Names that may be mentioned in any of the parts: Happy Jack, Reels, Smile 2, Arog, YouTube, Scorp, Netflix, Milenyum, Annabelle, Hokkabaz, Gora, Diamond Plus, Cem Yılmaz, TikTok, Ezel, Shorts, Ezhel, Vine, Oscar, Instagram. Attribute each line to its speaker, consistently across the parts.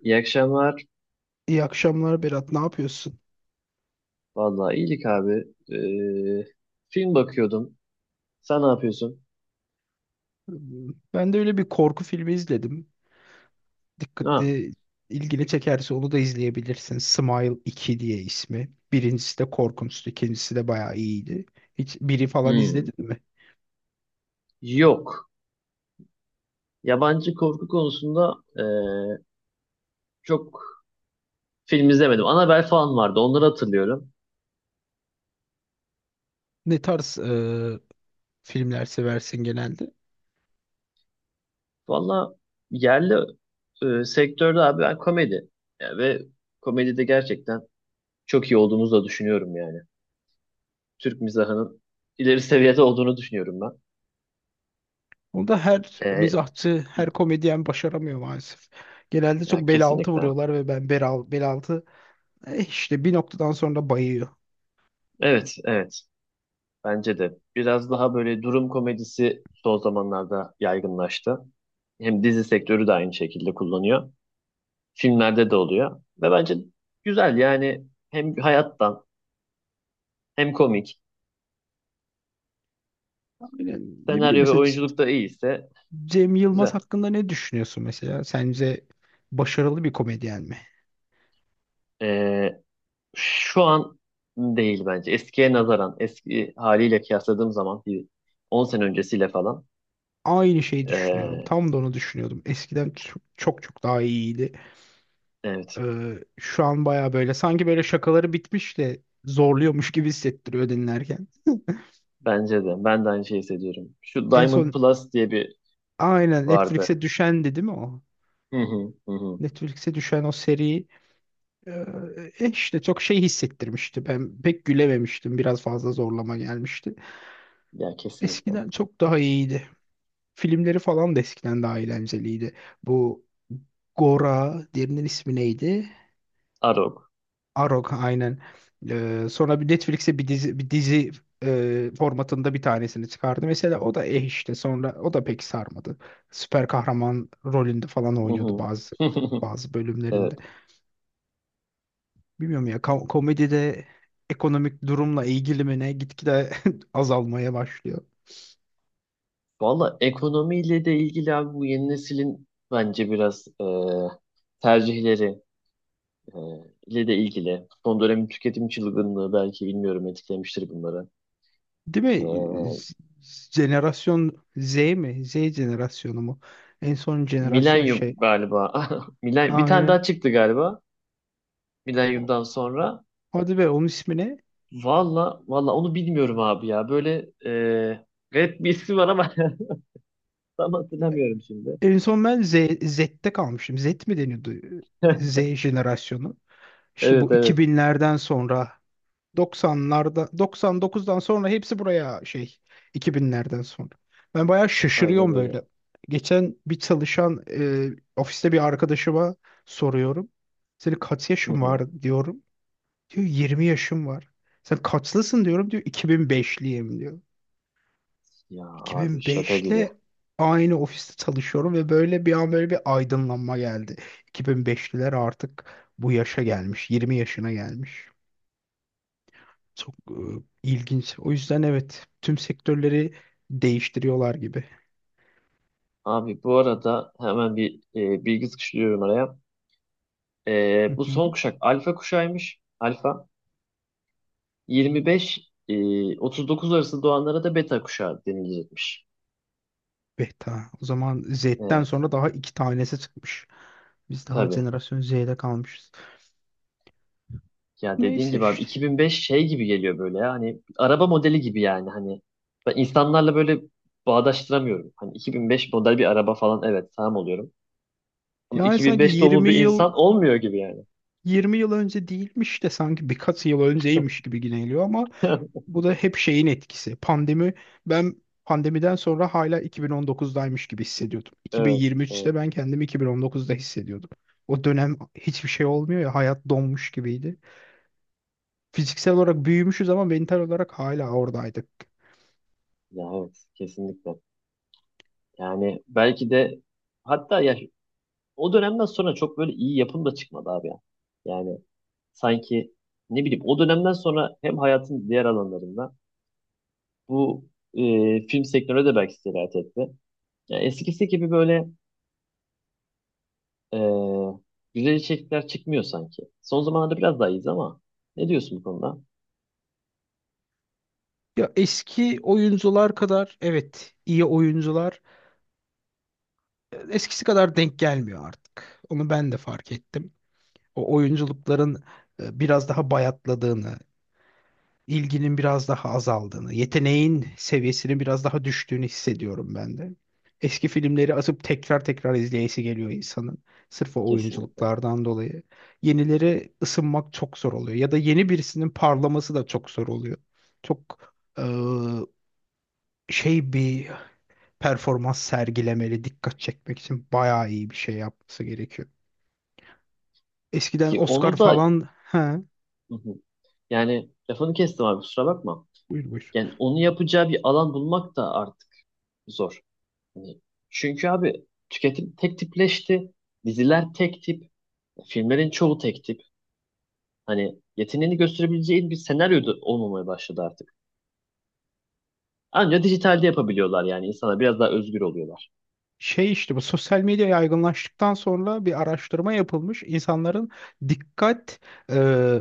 Speaker 1: İyi akşamlar.
Speaker 2: İyi akşamlar Berat, ne yapıyorsun?
Speaker 1: Vallahi iyilik abi. Ee, film bakıyordum. Sen ne yapıyorsun?
Speaker 2: Ben de öyle bir korku filmi izledim.
Speaker 1: Ha.
Speaker 2: Dikkatli, ilgini çekerse onu da izleyebilirsin. Smile 2 diye ismi. Birincisi de korkunçtu, ikincisi de bayağı iyiydi. Hiç biri falan
Speaker 1: hmm,
Speaker 2: izledin mi?
Speaker 1: Yok. Yabancı korku konusunda çok film izlemedim. Annabelle falan vardı. Onları hatırlıyorum.
Speaker 2: Ne tarz filmler seversin genelde?
Speaker 1: Vallahi yerli sektörde abi ben komedi. Ya ve komedide gerçekten çok iyi olduğumuzu da düşünüyorum yani. Türk mizahının ileri seviyede olduğunu düşünüyorum ben.
Speaker 2: Onu da her
Speaker 1: Ee,
Speaker 2: mizahçı, her komedyen başaramıyor maalesef. Genelde
Speaker 1: ya
Speaker 2: çok bel altı
Speaker 1: kesinlikle.
Speaker 2: vuruyorlar ve ben bel altı işte bir noktadan sonra bayıyor.
Speaker 1: Evet, evet. Bence de. Biraz daha böyle durum komedisi son zamanlarda yaygınlaştı. Hem dizi sektörü de aynı şekilde kullanıyor. Filmlerde de oluyor. Ve bence güzel yani hem hayattan hem komik.
Speaker 2: Aynen, ne bileyim
Speaker 1: Senaryo ve
Speaker 2: mesela
Speaker 1: oyunculuk da iyiyse
Speaker 2: Cem
Speaker 1: güzel.
Speaker 2: Yılmaz hakkında ne düşünüyorsun mesela? Sence başarılı bir komedyen mi?
Speaker 1: Ee, şu an değil bence. Eskiye nazaran, eski haliyle kıyasladığım zaman bir 10 sene öncesiyle falan.
Speaker 2: Aynı şeyi düşünüyorum.
Speaker 1: ee,
Speaker 2: Tam da onu düşünüyordum. Eskiden çok çok daha iyiydi.
Speaker 1: evet
Speaker 2: Şu an baya böyle sanki böyle şakaları bitmiş de zorluyormuş gibi hissettiriyor dinlerken.
Speaker 1: bence de. Ben de aynı şeyi hissediyorum. Şu
Speaker 2: En
Speaker 1: Diamond
Speaker 2: son
Speaker 1: Plus diye bir
Speaker 2: aynen
Speaker 1: vardı.
Speaker 2: Netflix'e düşendi, değil mi o?
Speaker 1: Hı hı hı. Hı.
Speaker 2: Netflix'e düşen o seri e, işte çok şey hissettirmişti. Ben pek gülememiştim. Biraz fazla zorlama gelmişti.
Speaker 1: Ya kesinlikle.
Speaker 2: Eskiden çok daha iyiydi. Filmleri falan da eskiden daha eğlenceliydi. Bu Gora, diğerinin ismi neydi?
Speaker 1: Arog.
Speaker 2: Arog aynen. Sonra bir Netflix'e bir dizi formatında bir tanesini çıkardı. Mesela o da işte sonra o da pek sarmadı. Süper kahraman rolünde falan
Speaker 1: Hı
Speaker 2: oynuyordu
Speaker 1: hı.
Speaker 2: bazı bazı bölümlerinde.
Speaker 1: Evet.
Speaker 2: Bilmiyorum ya komedide ekonomik durumla ilgili mi ne gitgide azalmaya başlıyor.
Speaker 1: Valla ekonomiyle de ilgili abi bu yeni neslin bence biraz tercihleri e, ile de ilgili. Son dönemin tüketim çılgınlığı belki bilmiyorum etkilemiştir bunları.
Speaker 2: Değil mi?
Speaker 1: E,
Speaker 2: Z- Jenerasyon Z mi? Z jenerasyonu mu? En son jenerasyon
Speaker 1: Milenyum
Speaker 2: şey.
Speaker 1: galiba. Milen bir tane
Speaker 2: Aynen.
Speaker 1: daha çıktı galiba.
Speaker 2: O-
Speaker 1: Milenyum'dan sonra.
Speaker 2: Hadi be onun ismi ne?
Speaker 1: Valla valla onu bilmiyorum abi ya. Böyle garip bir ismi var ama tam hatırlamıyorum şimdi.
Speaker 2: En son ben Z'te kalmışım. Z mi deniyordu? Z jenerasyonu. İşte
Speaker 1: Evet
Speaker 2: bu iki
Speaker 1: evet.
Speaker 2: binlerden sonra 90'larda, 99'dan sonra hepsi buraya şey 2000'lerden sonra. Ben bayağı
Speaker 1: Aynen
Speaker 2: şaşırıyorum
Speaker 1: öyle.
Speaker 2: böyle. Geçen bir çalışan ofiste bir arkadaşıma soruyorum. Senin kaç
Speaker 1: Hı
Speaker 2: yaşın
Speaker 1: hı.
Speaker 2: var diyorum. Diyor 20 yaşım var. Sen kaçlısın diyorum, diyor 2005'liyim diyor.
Speaker 1: Ya abi şaka gibi.
Speaker 2: 2005'le aynı ofiste çalışıyorum ve böyle bir an böyle bir aydınlanma geldi. 2005'liler artık bu yaşa gelmiş, 20 yaşına gelmiş. Çok ilginç. O yüzden evet tüm sektörleri değiştiriyorlar gibi.
Speaker 1: Abi bu arada hemen bir bilgi sıkıştırıyorum araya.
Speaker 2: Hı
Speaker 1: Bu son
Speaker 2: hı.
Speaker 1: kuşak alfa kuşağıymış. Alfa 25 39 arası doğanlara da beta kuşağı denilecekmiş.
Speaker 2: Beta. O zaman Z'den
Speaker 1: Evet
Speaker 2: sonra daha iki tanesi çıkmış. Biz daha
Speaker 1: tabii.
Speaker 2: jenerasyon Z'de kalmışız.
Speaker 1: Ya dediğin
Speaker 2: Neyse
Speaker 1: gibi abi
Speaker 2: işte.
Speaker 1: 2005 şey gibi geliyor böyle ya hani araba modeli gibi yani hani ben insanlarla böyle bağdaştıramıyorum. Hani 2005 model bir araba falan evet tamam oluyorum. Ama
Speaker 2: Yani sanki
Speaker 1: 2005 doğumlu
Speaker 2: 20
Speaker 1: bir
Speaker 2: yıl
Speaker 1: insan olmuyor gibi yani.
Speaker 2: 20 yıl önce değilmiş de sanki birkaç yıl önceymiş gibi yine geliyor ama bu da hep şeyin etkisi. Pandemi ben pandemiden sonra hala 2019'daymış gibi hissediyordum.
Speaker 1: Evet,
Speaker 2: 2023'te
Speaker 1: evet.
Speaker 2: ben kendimi 2019'da hissediyordum. O dönem hiçbir şey olmuyor ya, hayat donmuş gibiydi. Fiziksel olarak büyümüşüz ama mental olarak hala oradaydık.
Speaker 1: Ya evet kesinlikle. Yani belki de hatta ya o dönemden sonra çok böyle iyi yapım da çıkmadı abi ya. Yani sanki ne bileyim o dönemden sonra hem hayatın diğer alanlarında bu film sektörüne de belki sirayet etti. Yani eskisi gibi böyle e, güzel içerikler çıkmıyor sanki. Son zamanlarda biraz daha iyiyiz ama ne diyorsun bu konuda?
Speaker 2: Ya eski oyuncular kadar evet iyi oyuncular eskisi kadar denk gelmiyor artık. Onu ben de fark ettim. O oyunculukların biraz daha bayatladığını, ilginin biraz daha azaldığını, yeteneğin seviyesinin biraz daha düştüğünü hissediyorum ben de. Eski filmleri atıp tekrar tekrar izleyesi geliyor insanın. Sırf o
Speaker 1: Kesinlikle.
Speaker 2: oyunculuklardan dolayı. Yenileri ısınmak çok zor oluyor. Ya da yeni birisinin parlaması da çok zor oluyor. Çok şey bir performans sergilemeli, dikkat çekmek için bayağı iyi bir şey yapması gerekiyor. Eskiden
Speaker 1: Ki
Speaker 2: Oscar
Speaker 1: onu da
Speaker 2: falan... He,
Speaker 1: hı hı, yani lafını kestim abi kusura bakma.
Speaker 2: buyur buyur.
Speaker 1: Yani onu yapacağı bir alan bulmak da artık zor. Hani çünkü abi tüketim tek tipleşti. Diziler tek tip. Filmlerin çoğu tek tip. Hani yeteneğini gösterebileceğin bir senaryo da olmamaya başladı artık. Ancak dijitalde yapabiliyorlar yani. İnsana biraz daha özgür oluyorlar.
Speaker 2: Şey işte bu sosyal medya yaygınlaştıktan sonra bir araştırma yapılmış. İnsanların dikkat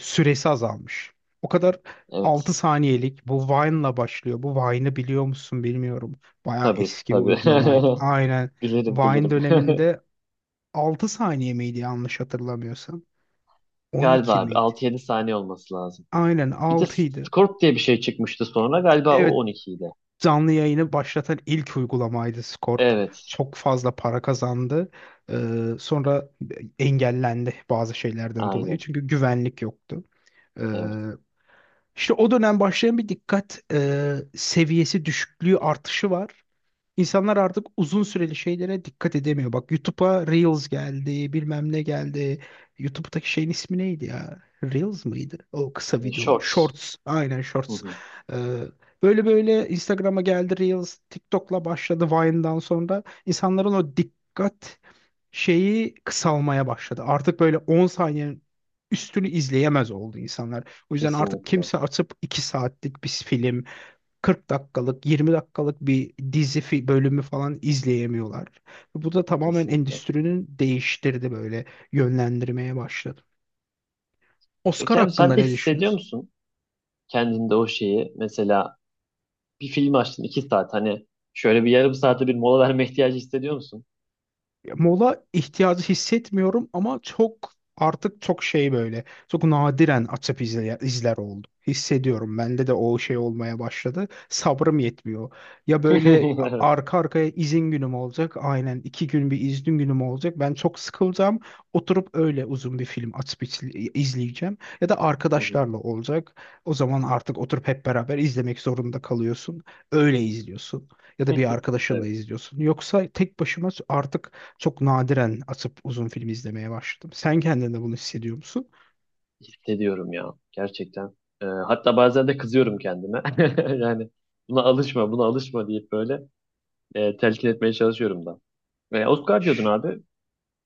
Speaker 2: süresi azalmış. O kadar
Speaker 1: Evet.
Speaker 2: 6 saniyelik bu Vine'la başlıyor. Bu Vine'ı biliyor musun bilmiyorum. Bayağı
Speaker 1: Tabii
Speaker 2: eski bir
Speaker 1: tabii.
Speaker 2: uygulamaydı. Aynen.
Speaker 1: Bilirim
Speaker 2: Vine
Speaker 1: bilirim.
Speaker 2: döneminde 6 saniye miydi yanlış hatırlamıyorsam. on
Speaker 1: Galiba
Speaker 2: iki
Speaker 1: abi
Speaker 2: miydi?
Speaker 1: altı yedi saniye olması lazım.
Speaker 2: Aynen
Speaker 1: Bir de
Speaker 2: 6'ydı.
Speaker 1: Scorp diye bir şey çıkmıştı sonra. Galiba o
Speaker 2: Evet,
Speaker 1: 12'ydi.
Speaker 2: canlı yayını başlatan ilk uygulamaydı Scorp.
Speaker 1: Evet.
Speaker 2: Çok fazla para kazandı. Sonra engellendi bazı şeylerden dolayı.
Speaker 1: Aynen.
Speaker 2: Çünkü güvenlik yoktu. Ee,
Speaker 1: Evet.
Speaker 2: işte o dönem başlayan bir dikkat seviyesi düşüklüğü artışı var. İnsanlar artık uzun süreli şeylere dikkat edemiyor. Bak, YouTube'a Reels geldi, bilmem ne geldi. YouTube'daki şeyin ismi neydi ya? Reels mıydı? O kısa
Speaker 1: E,
Speaker 2: videolar.
Speaker 1: Shorts.
Speaker 2: Shorts. Aynen
Speaker 1: Hı
Speaker 2: Shorts.
Speaker 1: hı.
Speaker 2: Ee, Böyle böyle Instagram'a geldi Reels. TikTok'la başladı Vine'dan sonra. İnsanların o dikkat şeyi kısalmaya başladı. Artık böyle 10 saniyenin üstünü izleyemez oldu insanlar. O yüzden artık
Speaker 1: Kesinlikle.
Speaker 2: kimse açıp 2 saatlik bir film, 40 dakikalık, 20 dakikalık bir dizi bölümü falan izleyemiyorlar. Bu da tamamen
Speaker 1: Kesinlikle.
Speaker 2: endüstrinin değiştirdi böyle yönlendirmeye başladı. Oscar
Speaker 1: Peki abi
Speaker 2: hakkında
Speaker 1: sen de
Speaker 2: ne
Speaker 1: hissediyor
Speaker 2: düşünüyorsun?
Speaker 1: musun? Kendinde o şeyi mesela bir film açtın iki saat hani şöyle bir yarım saate bir mola verme ihtiyacı hissediyor musun?
Speaker 2: Mola ihtiyacı hissetmiyorum ama çok artık çok şey böyle çok nadiren açıp izler oldum. Hissediyorum. Bende de o şey olmaya başladı. Sabrım yetmiyor. Ya böyle arka arkaya izin günüm olacak. Aynen 2 gün bir izin günüm olacak. Ben çok sıkılacağım. Oturup öyle uzun bir film açıp izleyeceğim. Ya da
Speaker 1: Hı hı.
Speaker 2: arkadaşlarla olacak. O zaman artık oturup hep beraber izlemek zorunda kalıyorsun. Öyle izliyorsun ya da bir arkadaşınla
Speaker 1: Evet,
Speaker 2: izliyorsun. Yoksa tek başıma artık çok nadiren atıp uzun film izlemeye başladım. Sen kendinde bunu hissediyor musun?
Speaker 1: hissediyorum ya gerçekten. Hatta bazen de kızıyorum kendime. Yani buna alışma, buna alışma deyip böyle telkin etmeye çalışıyorum da. Ve Oscar diyordun abi.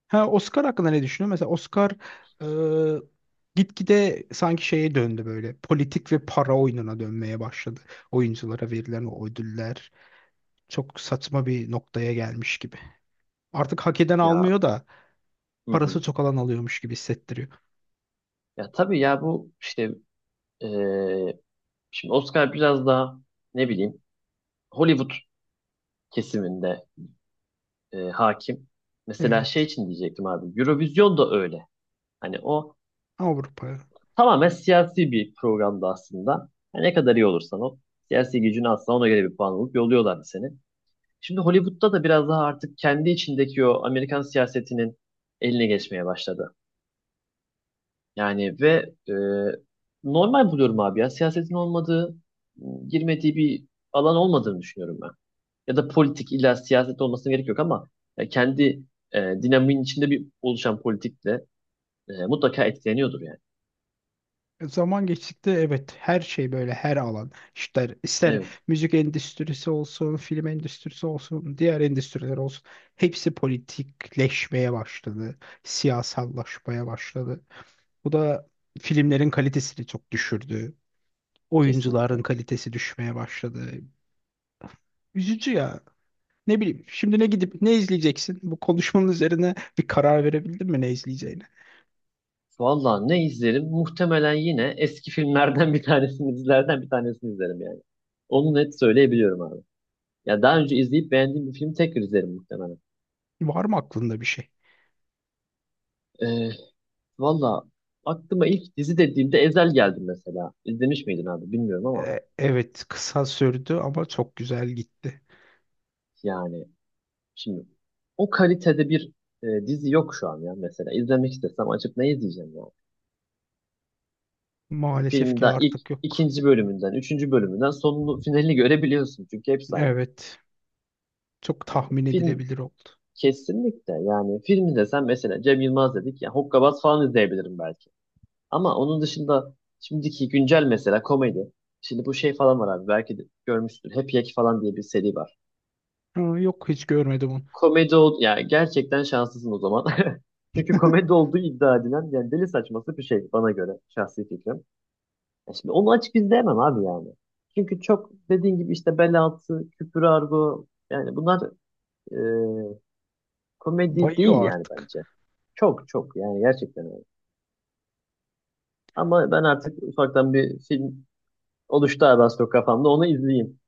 Speaker 2: Ha, Oscar hakkında ne düşünüyorsun? Mesela Oscar e, gitgide sanki şeye döndü böyle. Politik ve para oyununa dönmeye başladı. Oyunculara verilen o ödüller çok saçma bir noktaya gelmiş gibi. Artık hak eden
Speaker 1: Ya
Speaker 2: almıyor da
Speaker 1: hı hı.
Speaker 2: parası çok alan alıyormuş gibi hissettiriyor.
Speaker 1: Ya tabii ya bu işte e, şimdi Oscar biraz daha ne bileyim Hollywood kesiminde hakim. Mesela şey
Speaker 2: Evet.
Speaker 1: için diyecektim abi. Eurovision da öyle. Hani o
Speaker 2: Avrupa.
Speaker 1: tamamen siyasi bir programdı aslında. Hani ne kadar iyi olursan ol. Siyasi gücünü atsan ona göre bir puan alıp yolluyorlardı seni. Şimdi Hollywood'da da biraz daha artık kendi içindeki o Amerikan siyasetinin eline geçmeye başladı. Yani ve normal buluyorum abi ya. Siyasetin olmadığı, girmediği bir alan olmadığını düşünüyorum ben. Ya da politik illa siyaset olmasına gerek yok ama kendi dinamiğin içinde bir oluşan politikle mutlaka etkileniyordur yani.
Speaker 2: Zaman geçtikçe evet her şey böyle, her alan ister ister
Speaker 1: Evet,
Speaker 2: müzik endüstrisi olsun, film endüstrisi olsun, diğer endüstriler olsun hepsi politikleşmeye başladı, siyasallaşmaya başladı. Bu da filmlerin kalitesini çok düşürdü.
Speaker 1: kesinlikle.
Speaker 2: Oyuncuların kalitesi düşmeye başladı. Üzücü ya. Ne bileyim şimdi ne gidip ne izleyeceksin? Bu konuşmanın üzerine bir karar verebildin mi ne izleyeceğine?
Speaker 1: Vallahi ne izlerim? Muhtemelen yine eski filmlerden bir tanesini, dizilerden bir tanesini izlerim yani. Onu net söyleyebiliyorum abi. Ya daha önce izleyip beğendiğim bir filmi tekrar izlerim muhtemelen.
Speaker 2: Var mı aklında bir şey?
Speaker 1: Ee, valla aklıma ilk dizi dediğimde Ezel geldi mesela. İzlemiş miydin abi bilmiyorum ama
Speaker 2: Evet, kısa sürdü ama çok güzel gitti.
Speaker 1: yani şimdi o kalitede bir dizi yok şu an ya mesela. İzlemek istesem açıp ne izleyeceğim ya? Hani
Speaker 2: Maalesef
Speaker 1: filmin
Speaker 2: ki
Speaker 1: daha ilk
Speaker 2: artık yok.
Speaker 1: ikinci bölümünden, üçüncü bölümünden sonunu, finalini görebiliyorsun. Çünkü hepsi aynı.
Speaker 2: Evet, çok
Speaker 1: Yani
Speaker 2: tahmin
Speaker 1: film
Speaker 2: edilebilir oldu.
Speaker 1: kesinlikle yani film desem mesela Cem Yılmaz dedik ya Hokkabaz falan izleyebilirim belki. Ama onun dışında şimdiki güncel mesela komedi. Şimdi bu şey falan var abi belki de görmüşsün. Happy Jack falan diye bir seri var.
Speaker 2: Ha, yok hiç görmedim onu.
Speaker 1: Komedi ol yani gerçekten şanslısın o zaman. Çünkü komedi olduğu iddia edilen yani deli saçması bir şey bana göre şahsi fikrim. Ya şimdi onu açık izleyemem abi yani. Çünkü çok dediğin gibi işte bel altı, küfür argo yani bunlar e, komedi değil
Speaker 2: Bayıyor
Speaker 1: yani
Speaker 2: artık.
Speaker 1: bence. Çok çok yani gerçekten öyle. Ama ben artık ufaktan bir film oluştu abi az çok kafamda onu izleyeyim.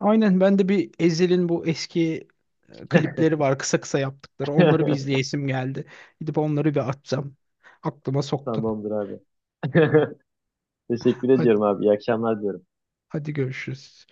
Speaker 2: Aynen ben de bir Ezhel'in bu eski klipleri var kısa kısa yaptıkları. Onları bir izleyesim geldi. Gidip onları bir açacağım. Aklıma soktun.
Speaker 1: Tamamdır abi. Teşekkür
Speaker 2: Hadi,
Speaker 1: ediyorum abi. İyi akşamlar diyorum.
Speaker 2: hadi görüşürüz.